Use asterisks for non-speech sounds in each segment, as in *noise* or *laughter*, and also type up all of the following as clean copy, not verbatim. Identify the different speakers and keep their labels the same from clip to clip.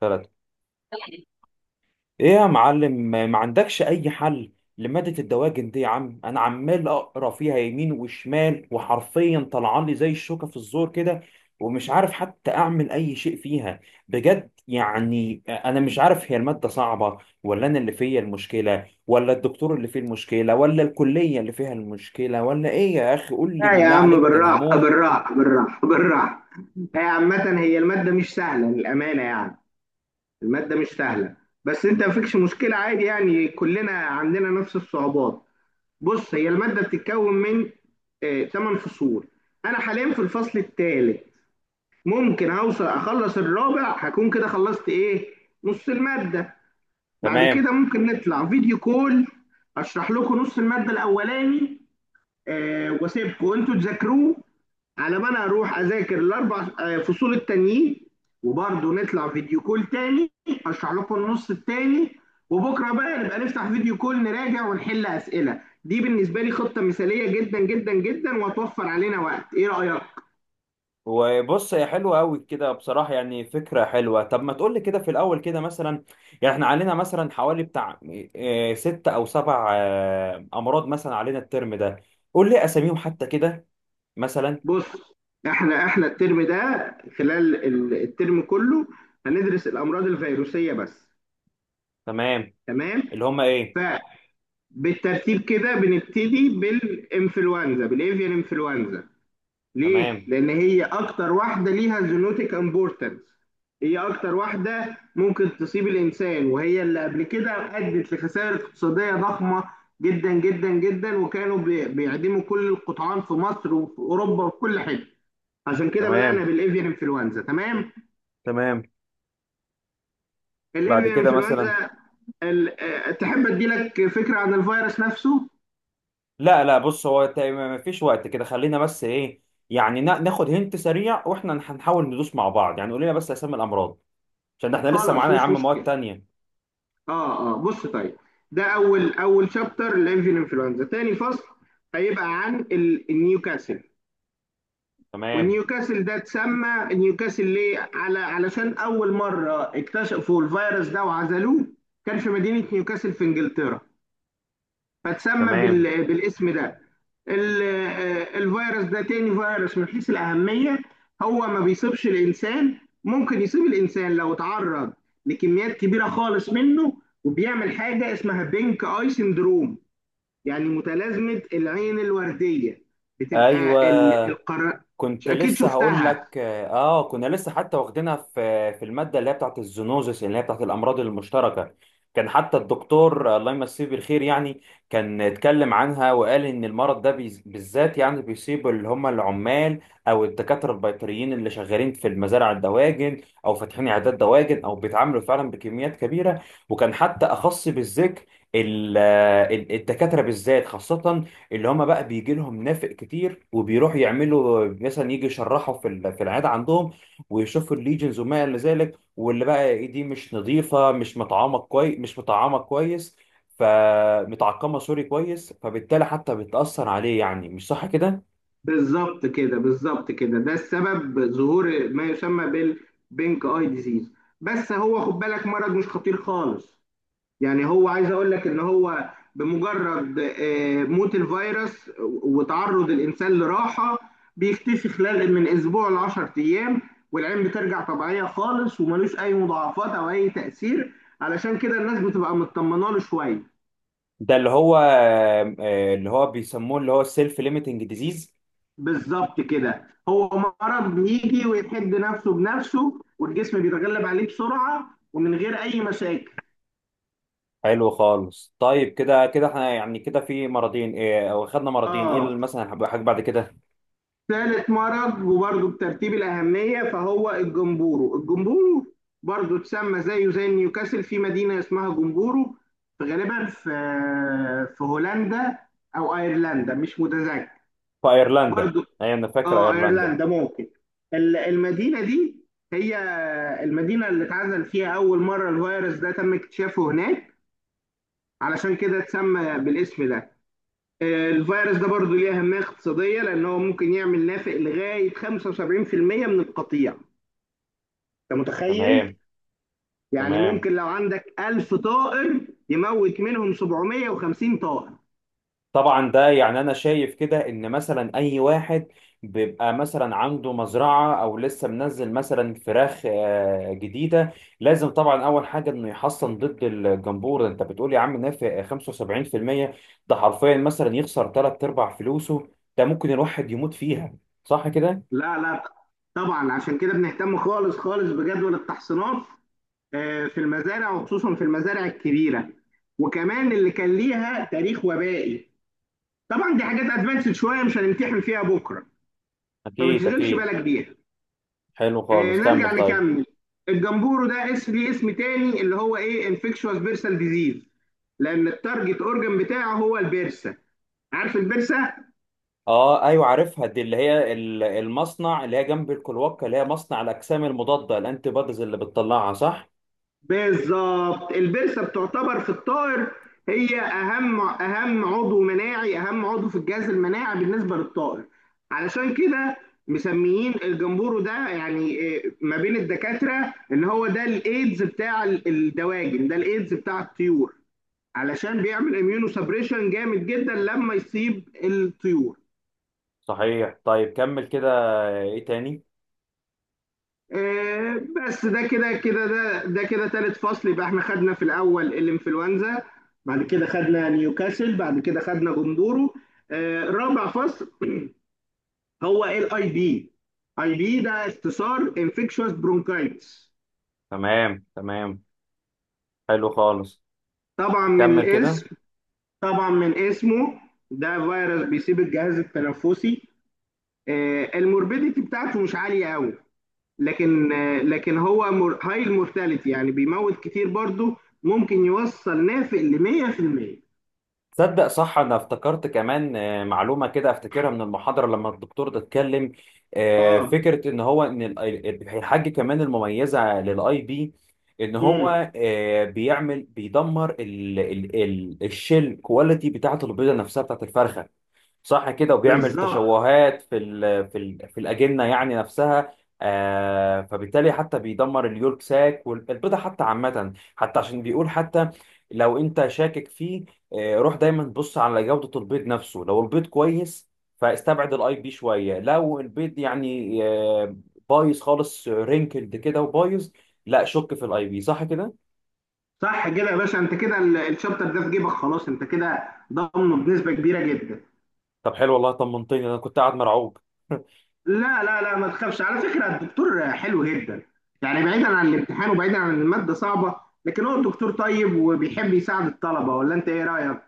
Speaker 1: ثلاثة. ايه يا معلم، ما عندكش اي حل لمادة الدواجن دي يا عم؟ انا عمال اقرا فيها يمين وشمال، وحرفيا طلعان لي زي الشوكة في الزور كده، ومش عارف حتى اعمل اي شيء فيها بجد. يعني انا مش عارف، هي المادة صعبة ولا انا اللي فيا المشكلة ولا الدكتور اللي فيه المشكلة ولا الكلية اللي فيها المشكلة ولا ايه يا اخي؟ قول لي
Speaker 2: لا يا
Speaker 1: بالله
Speaker 2: عم،
Speaker 1: عليك، ده انا
Speaker 2: بالراحة
Speaker 1: هموت.
Speaker 2: بالراحة بالراحة بالراحة. هي عامة، هي المادة مش سهلة للأمانة يعني. المادة مش سهلة. بس أنت مفيكش مشكلة، عادي يعني، كلنا عندنا نفس الصعوبات. بص، هي المادة بتتكون من 8 فصول. أنا حاليا في الفصل الثالث. ممكن أوصل أخلص الرابع، هكون كده خلصت إيه، نص المادة. بعد
Speaker 1: تمام.
Speaker 2: كده ممكن نطلع فيديو كول، أشرح لكم نص المادة الأولاني، وأسيبكم أنتوا تذاكروه، على ما انا اروح اذاكر الاربع فصول التانيين. وبرضه نطلع فيديو كول تاني، اشرح لكم النص التاني. وبكره بقى نبقى نفتح فيديو كول، نراجع ونحل اسئله. دي بالنسبه لي خطه مثاليه جدا جدا جدا، وهتوفر علينا وقت. ايه رايك؟
Speaker 1: وبص، هي حلوة أوي كده بصراحة، يعني فكرة حلوة. طب ما تقولي كده في الأول كده مثلا، يعني احنا علينا مثلا حوالي بتاع ست أو سبع أمراض مثلا علينا الترم ده. قول لي أساميهم حتى كده، مثلا.
Speaker 2: بص، احنا الترم ده، خلال الترم كله، هندرس الامراض الفيروسيه بس.
Speaker 1: تمام.
Speaker 2: تمام.
Speaker 1: اللي هما إيه؟
Speaker 2: فبالترتيب كده، بنبتدي بالانفلونزا، بالاvian انفلونزا. ليه؟
Speaker 1: تمام.
Speaker 2: لأن هي أكتر واحدة ليها زينوتيك امبورتنس. هي أكتر واحدة ممكن تصيب الإنسان، وهي اللي قبل كده أدت لخسائر اقتصادية ضخمة جدا جدا جدا. وكانوا بيعدموا كل القطعان في مصر وفي أوروبا وفي كل حتة. عشان كده بدأنا
Speaker 1: تمام.
Speaker 2: بالإيفيان إنفلونزا، تمام؟
Speaker 1: تمام. بعد
Speaker 2: الإيفيان
Speaker 1: كده مثلا.
Speaker 2: إنفلونزا. تحب أديلك فكرة عن الفيروس نفسه؟
Speaker 1: لا لا، بص هو ما فيش وقت كده، خلينا بس إيه، يعني ناخد هنت سريع، وإحنا هنحاول ندوس مع بعض، يعني قول لنا بس أسامي الأمراض، عشان ده إحنا لسه
Speaker 2: خلاص،
Speaker 1: معانا يا
Speaker 2: مش
Speaker 1: عم مواد
Speaker 2: مشكلة.
Speaker 1: تانية.
Speaker 2: اه، اه، بص، طيب. ده اول شابتر، لافيان انفلونزا. تاني فصل هيبقى عن النيوكاسل.
Speaker 1: تمام.
Speaker 2: والنيوكاسل ده اتسمى نيوكاسل ليه؟ علشان اول مره اكتشفوا الفيروس ده وعزلوه، كان في مدينه نيوكاسل في انجلترا، فتسمى
Speaker 1: تمام.
Speaker 2: بالاسم ده. الفيروس ده تاني فيروس من حيث الأهمية. هو ما بيصيبش الإنسان. ممكن يصيب الإنسان لو اتعرض لكميات كبيرة خالص منه، وبيعمل حاجة اسمها بينك آي سندروم، يعني متلازمة العين الوردية.
Speaker 1: ايوه،
Speaker 2: بتبقى ال- القر مش
Speaker 1: كنت
Speaker 2: أكيد
Speaker 1: لسه هقول
Speaker 2: شفتها.
Speaker 1: لك، كنا لسه حتى واخدينها في الماده اللي هي بتاعت الزونوزس، اللي هي بتاعت الامراض المشتركه. كان حتى الدكتور الله يمسيه بالخير، يعني كان اتكلم عنها وقال ان المرض ده بالذات يعني بيصيب اللي هم العمال او الدكاتره البيطريين اللي شغالين في المزارع الدواجن او فاتحين عيادات دواجن او بيتعاملوا فعلا بكميات كبيره. وكان حتى اخص بالذكر ال- الدكاتره بالذات، خاصه اللي هما بقى بيجي لهم نافق كتير وبيروحوا يعملوا مثلا يجي يشرحوا في في العيادة عندهم، ويشوفوا الليجنز وما إلى ذلك، واللي بقى إيه دي مش نظيفة، مش مطعمة كويس مش مطعمة كويس، فمتعقمة سوري كويس، فبالتالي حتى بتأثر عليه. يعني مش صح كده؟
Speaker 2: بالظبط كده، بالظبط كده، ده السبب ظهور ما يسمى بالبينك آي ديزيز. بس هو، خد بالك، مرض مش خطير خالص. يعني هو عايز اقول لك ان هو بمجرد موت الفيروس وتعرض الانسان لراحه، بيختفي خلال من اسبوع ل 10 ايام، والعين بترجع طبيعيه خالص وملوش اي مضاعفات او اي تاثير. علشان كده الناس بتبقى مطمنه له شويه.
Speaker 1: ده اللي هو، اللي هو بيسموه، اللي هو السيلف ليميتنج ديزيز.
Speaker 2: بالظبط كده. هو مرض بيجي ويحد نفسه بنفسه، والجسم بيتغلب عليه بسرعه ومن غير اي مشاكل.
Speaker 1: حلو خالص. طيب كده كده احنا يعني كده في مرضين ايه، او خدنا مرضين ايه اللي
Speaker 2: اه.
Speaker 1: مثلا هيبقى حاجه بعد كده.
Speaker 2: ثالث مرض وبرضه بترتيب الأهمية فهو الجمبورو. الجمبورو برضه اتسمى زيه زي نيوكاسل، في مدينة اسمها جمبورو، غالبا في هولندا أو أيرلندا، مش متذكر.
Speaker 1: في ايرلندا،
Speaker 2: برضه،
Speaker 1: ايوه انا فاكر
Speaker 2: اه،
Speaker 1: ايرلندا.
Speaker 2: أيرلندا ممكن. المدينة دي هي المدينة اللي اتعزل فيها أول مرة الفيروس ده، تم اكتشافه هناك، علشان كده اتسمى بالاسم ده. الفيروس ده برضو ليه أهمية اقتصادية، لأن هو ممكن يعمل نافق لغاية 75% من القطيع. أنت
Speaker 1: تمام.
Speaker 2: متخيل؟ يعني
Speaker 1: تمام.
Speaker 2: ممكن لو عندك 1000 طائر، يموت منهم 750 طائر.
Speaker 1: طبعا ده يعني انا شايف كده ان مثلا اي واحد بيبقى مثلا عنده مزرعه او لسه منزل مثلا فراخ جديده، لازم طبعا اول حاجه انه يحصن ضد الجمبور. انت بتقول يا عم نافع 75%؟ ده حرفيا مثلا يخسر ثلاث ارباع فلوسه، ده ممكن الواحد يموت فيها، صح كده.
Speaker 2: لا، لا، طبعا عشان كده بنهتم خالص خالص بجدول التحصينات في المزارع، وخصوصا في المزارع الكبيرة، وكمان اللي كان ليها تاريخ وبائي. طبعا دي حاجات ادفانسد شوية، مش هنمتحن فيها بكرة، فما
Speaker 1: اكيد
Speaker 2: تشغلش
Speaker 1: اكيد.
Speaker 2: بالك بيها.
Speaker 1: حلو خالص،
Speaker 2: نرجع
Speaker 1: كمل طيب.
Speaker 2: نكمل. الجمبورو ده اسم ليه اسم تاني، اللي هو ايه، انفكشوس بيرسال ديزيز، لان التارجت اورجن بتاعه هو البرسه. عارف البرسه؟
Speaker 1: اه ايوه، عارفها دي، اللي هي المصنع اللي هي جنب الكلوكه، اللي هي مصنع الاجسام المضاده الانتي بوديز اللي بتطلعها، صح؟
Speaker 2: بالظبط. البرسه بتعتبر في الطائر، هي اهم عضو مناعي، اهم عضو في الجهاز المناعي بالنسبه للطائر. علشان كده مسميين الجمبورو ده يعني ما بين الدكاتره ان هو ده الايدز بتاع الدواجن، ده الايدز بتاع الطيور، علشان بيعمل اميونو سبريشن جامد جدا لما يصيب الطيور.
Speaker 1: صحيح. طيب كمل كده، ايه تاني.
Speaker 2: بس ده كده تالت فصل. يبقى احنا خدنا في الاول الانفلونزا، بعد كده خدنا نيوكاسل، بعد كده خدنا جندورو. رابع فصل هو الاي بي. اي بي ده اختصار انفكشوس برونكايتس.
Speaker 1: تمام. تمام. حلو خالص،
Speaker 2: طبعا من
Speaker 1: كمل كده.
Speaker 2: الاسم، طبعا من اسمه، ده فيروس بيسيب الجهاز التنفسي. الموربيديتي بتاعته مش عاليه قوي، لكن لكن هو هاي المورتاليتي، يعني بيموت كتير برضو، ممكن يوصل نافق ل 100%.
Speaker 1: تصدق صح، انا افتكرت كمان معلومه كده افتكرها من المحاضره لما الدكتور ده اتكلم.
Speaker 2: اه.
Speaker 1: فكره ان هو، ان الحاجه كمان المميزه للاي بي، ان
Speaker 2: امم.
Speaker 1: هو بيعمل، بيدمر ال ال ال الشيل كواليتي بتاعه البيضه نفسها بتاعه الفرخه، صح كده؟ وبيعمل
Speaker 2: بالظبط.
Speaker 1: تشوهات في الاجنه يعني نفسها. فبالتالي حتى بيدمر اليولك ساك والبيضه حتى عامه، حتى عشان بيقول حتى لو انت شاكك فيه، روح دايما بص على جودة البيض نفسه، لو البيض كويس فاستبعد الاي بي شوية، لو البيض يعني بايظ خالص رينكلد كده وبايظ، لا شك في الاي بي، صح كده؟
Speaker 2: صح كده يا باشا، انت كده الشابتر ده في جيبك خلاص، انت كده ضامنه بنسبه كبيره جدا.
Speaker 1: طب حلو والله، طمنتني، انا كنت قاعد مرعوب. *laughs*
Speaker 2: لا، لا، لا، ما تخافش. على فكره الدكتور حلو جدا، يعني بعيدا عن الامتحان وبعيدا عن الماده صعبه، لكن هو الدكتور طيب وبيحب يساعد الطلبه. ولا انت ايه رايك؟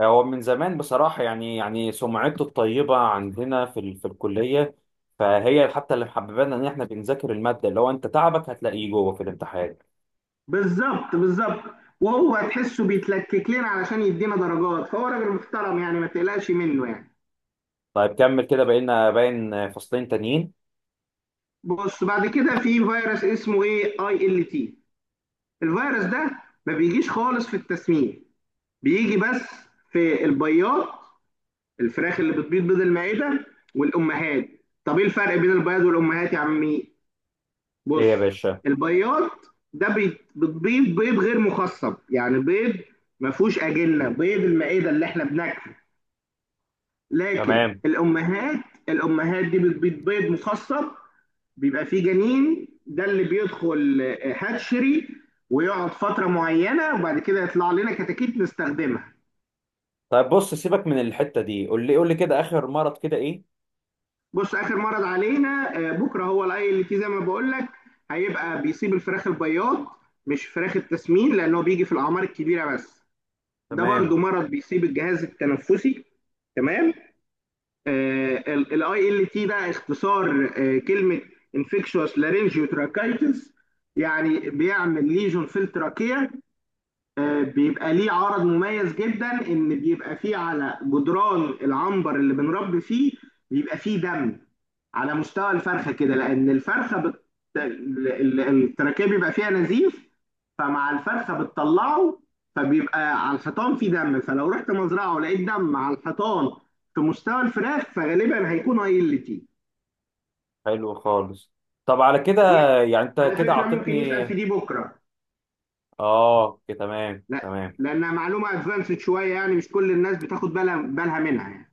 Speaker 1: هو من زمان بصراحة، يعني سمعته الطيبة عندنا في في الكلية، فهي حتى اللي محببانا ان احنا بنذاكر المادة، اللي هو انت تعبك هتلاقيه جوه في الامتحان.
Speaker 2: بالظبط، بالظبط. وهو تحسه بيتلكك لنا علشان يدينا درجات، فهو راجل محترم يعني، ما تقلقش منه يعني.
Speaker 1: طيب كمل كده، بقينا باين فصلين تانيين.
Speaker 2: بص، بعد كده في فيروس اسمه ايه اي ال تي. الفيروس ده ما بيجيش خالص في التسمين، بيجي بس في البياض، الفراخ اللي بتبيض بيض المعدة والأمهات. طب ايه الفرق بين البياض والأمهات يا عمي؟ بص،
Speaker 1: ايه يا باشا؟
Speaker 2: البياض ده بتبيض بيض غير مخصب، يعني بيض ما فيهوش أجنة، بيض المعدة اللي احنا بناكله. لكن
Speaker 1: تمام.
Speaker 2: الامهات، الامهات دي بتبيض بيض مخصب، بيبقى فيه جنين، ده اللي بيدخل هاتشري ويقعد فتره معينه، وبعد كده يطلع لنا كتاكيت نستخدمها.
Speaker 1: طيب بص، سيبك من الحتة دي، قول لي قول لي كده آخر مرض كده إيه.
Speaker 2: بص، اخر مرض علينا بكره هو العيل اللي فيه زي ما بقول لك، هيبقى بيصيب الفراخ البياض مش فراخ التسمين، لانه بيجي في الاعمار الكبيره بس. ده
Speaker 1: تمام.
Speaker 2: برضو مرض بيصيب الجهاز التنفسي. تمام. الاي ال تي ده اختصار كلمه انفكشوس لارينجيو تراكايتس. يعني بيعمل ليجون في التراكيه. بيبقى ليه عرض مميز جدا، ان بيبقى فيه على جدران العنبر اللي بنربي فيه، بيبقى فيه دم على مستوى الفرخه كده، لان الفرخه بت... ال- ال- التراكيب بيبقى فيها نزيف، فمع الفرخه بتطلعه، فبيبقى على الحيطان فيه دم. فلو رحت مزرعه ولقيت دم على الحيطان في مستوى الفراخ، فغالبا هيكون ايلتي.
Speaker 1: حلو خالص. طب على كده،
Speaker 2: دي
Speaker 1: يعني أنت
Speaker 2: على
Speaker 1: كده
Speaker 2: فكره ممكن
Speaker 1: عطتني.
Speaker 2: يسال في دي بكره.
Speaker 1: آه، كده تمام.
Speaker 2: لا،
Speaker 1: تمام.
Speaker 2: لانها معلومه ادفانسد شويه، يعني مش كل الناس بتاخد بالها منها يعني.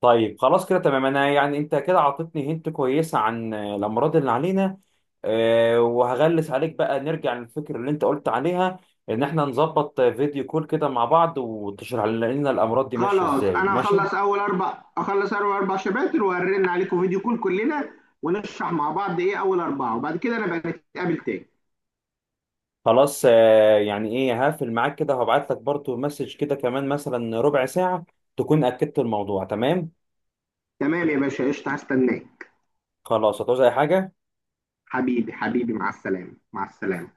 Speaker 1: طيب خلاص كده تمام، أنا يعني أنت كده عطتني هنت كويسة عن الأمراض اللي علينا. وهغلس عليك بقى، نرجع للفكرة اللي أنت قلت عليها، إن إحنا نظبط فيديو كول كده مع بعض وتشرح لنا الأمراض دي ماشية
Speaker 2: خلاص،
Speaker 1: إزاي.
Speaker 2: انا
Speaker 1: ماشي.
Speaker 2: هخلص اول اربع اخلص اول 4 شباتر، وهرن عليكم فيديو كول كلنا ونشرح مع بعض. ايه اول 4، وبعد كده انا بقى نتقابل تاني.
Speaker 1: خلاص. يعني ايه، هقفل معاك كده وهبعت لك برضو مسج كده كمان مثلا ربع ساعة، تكون اكدت الموضوع. تمام.
Speaker 2: تمام يا باشا، قشطه، هستناك.
Speaker 1: خلاص. هتعوز اي حاجة؟
Speaker 2: حبيبي حبيبي، مع السلامه، مع السلامه.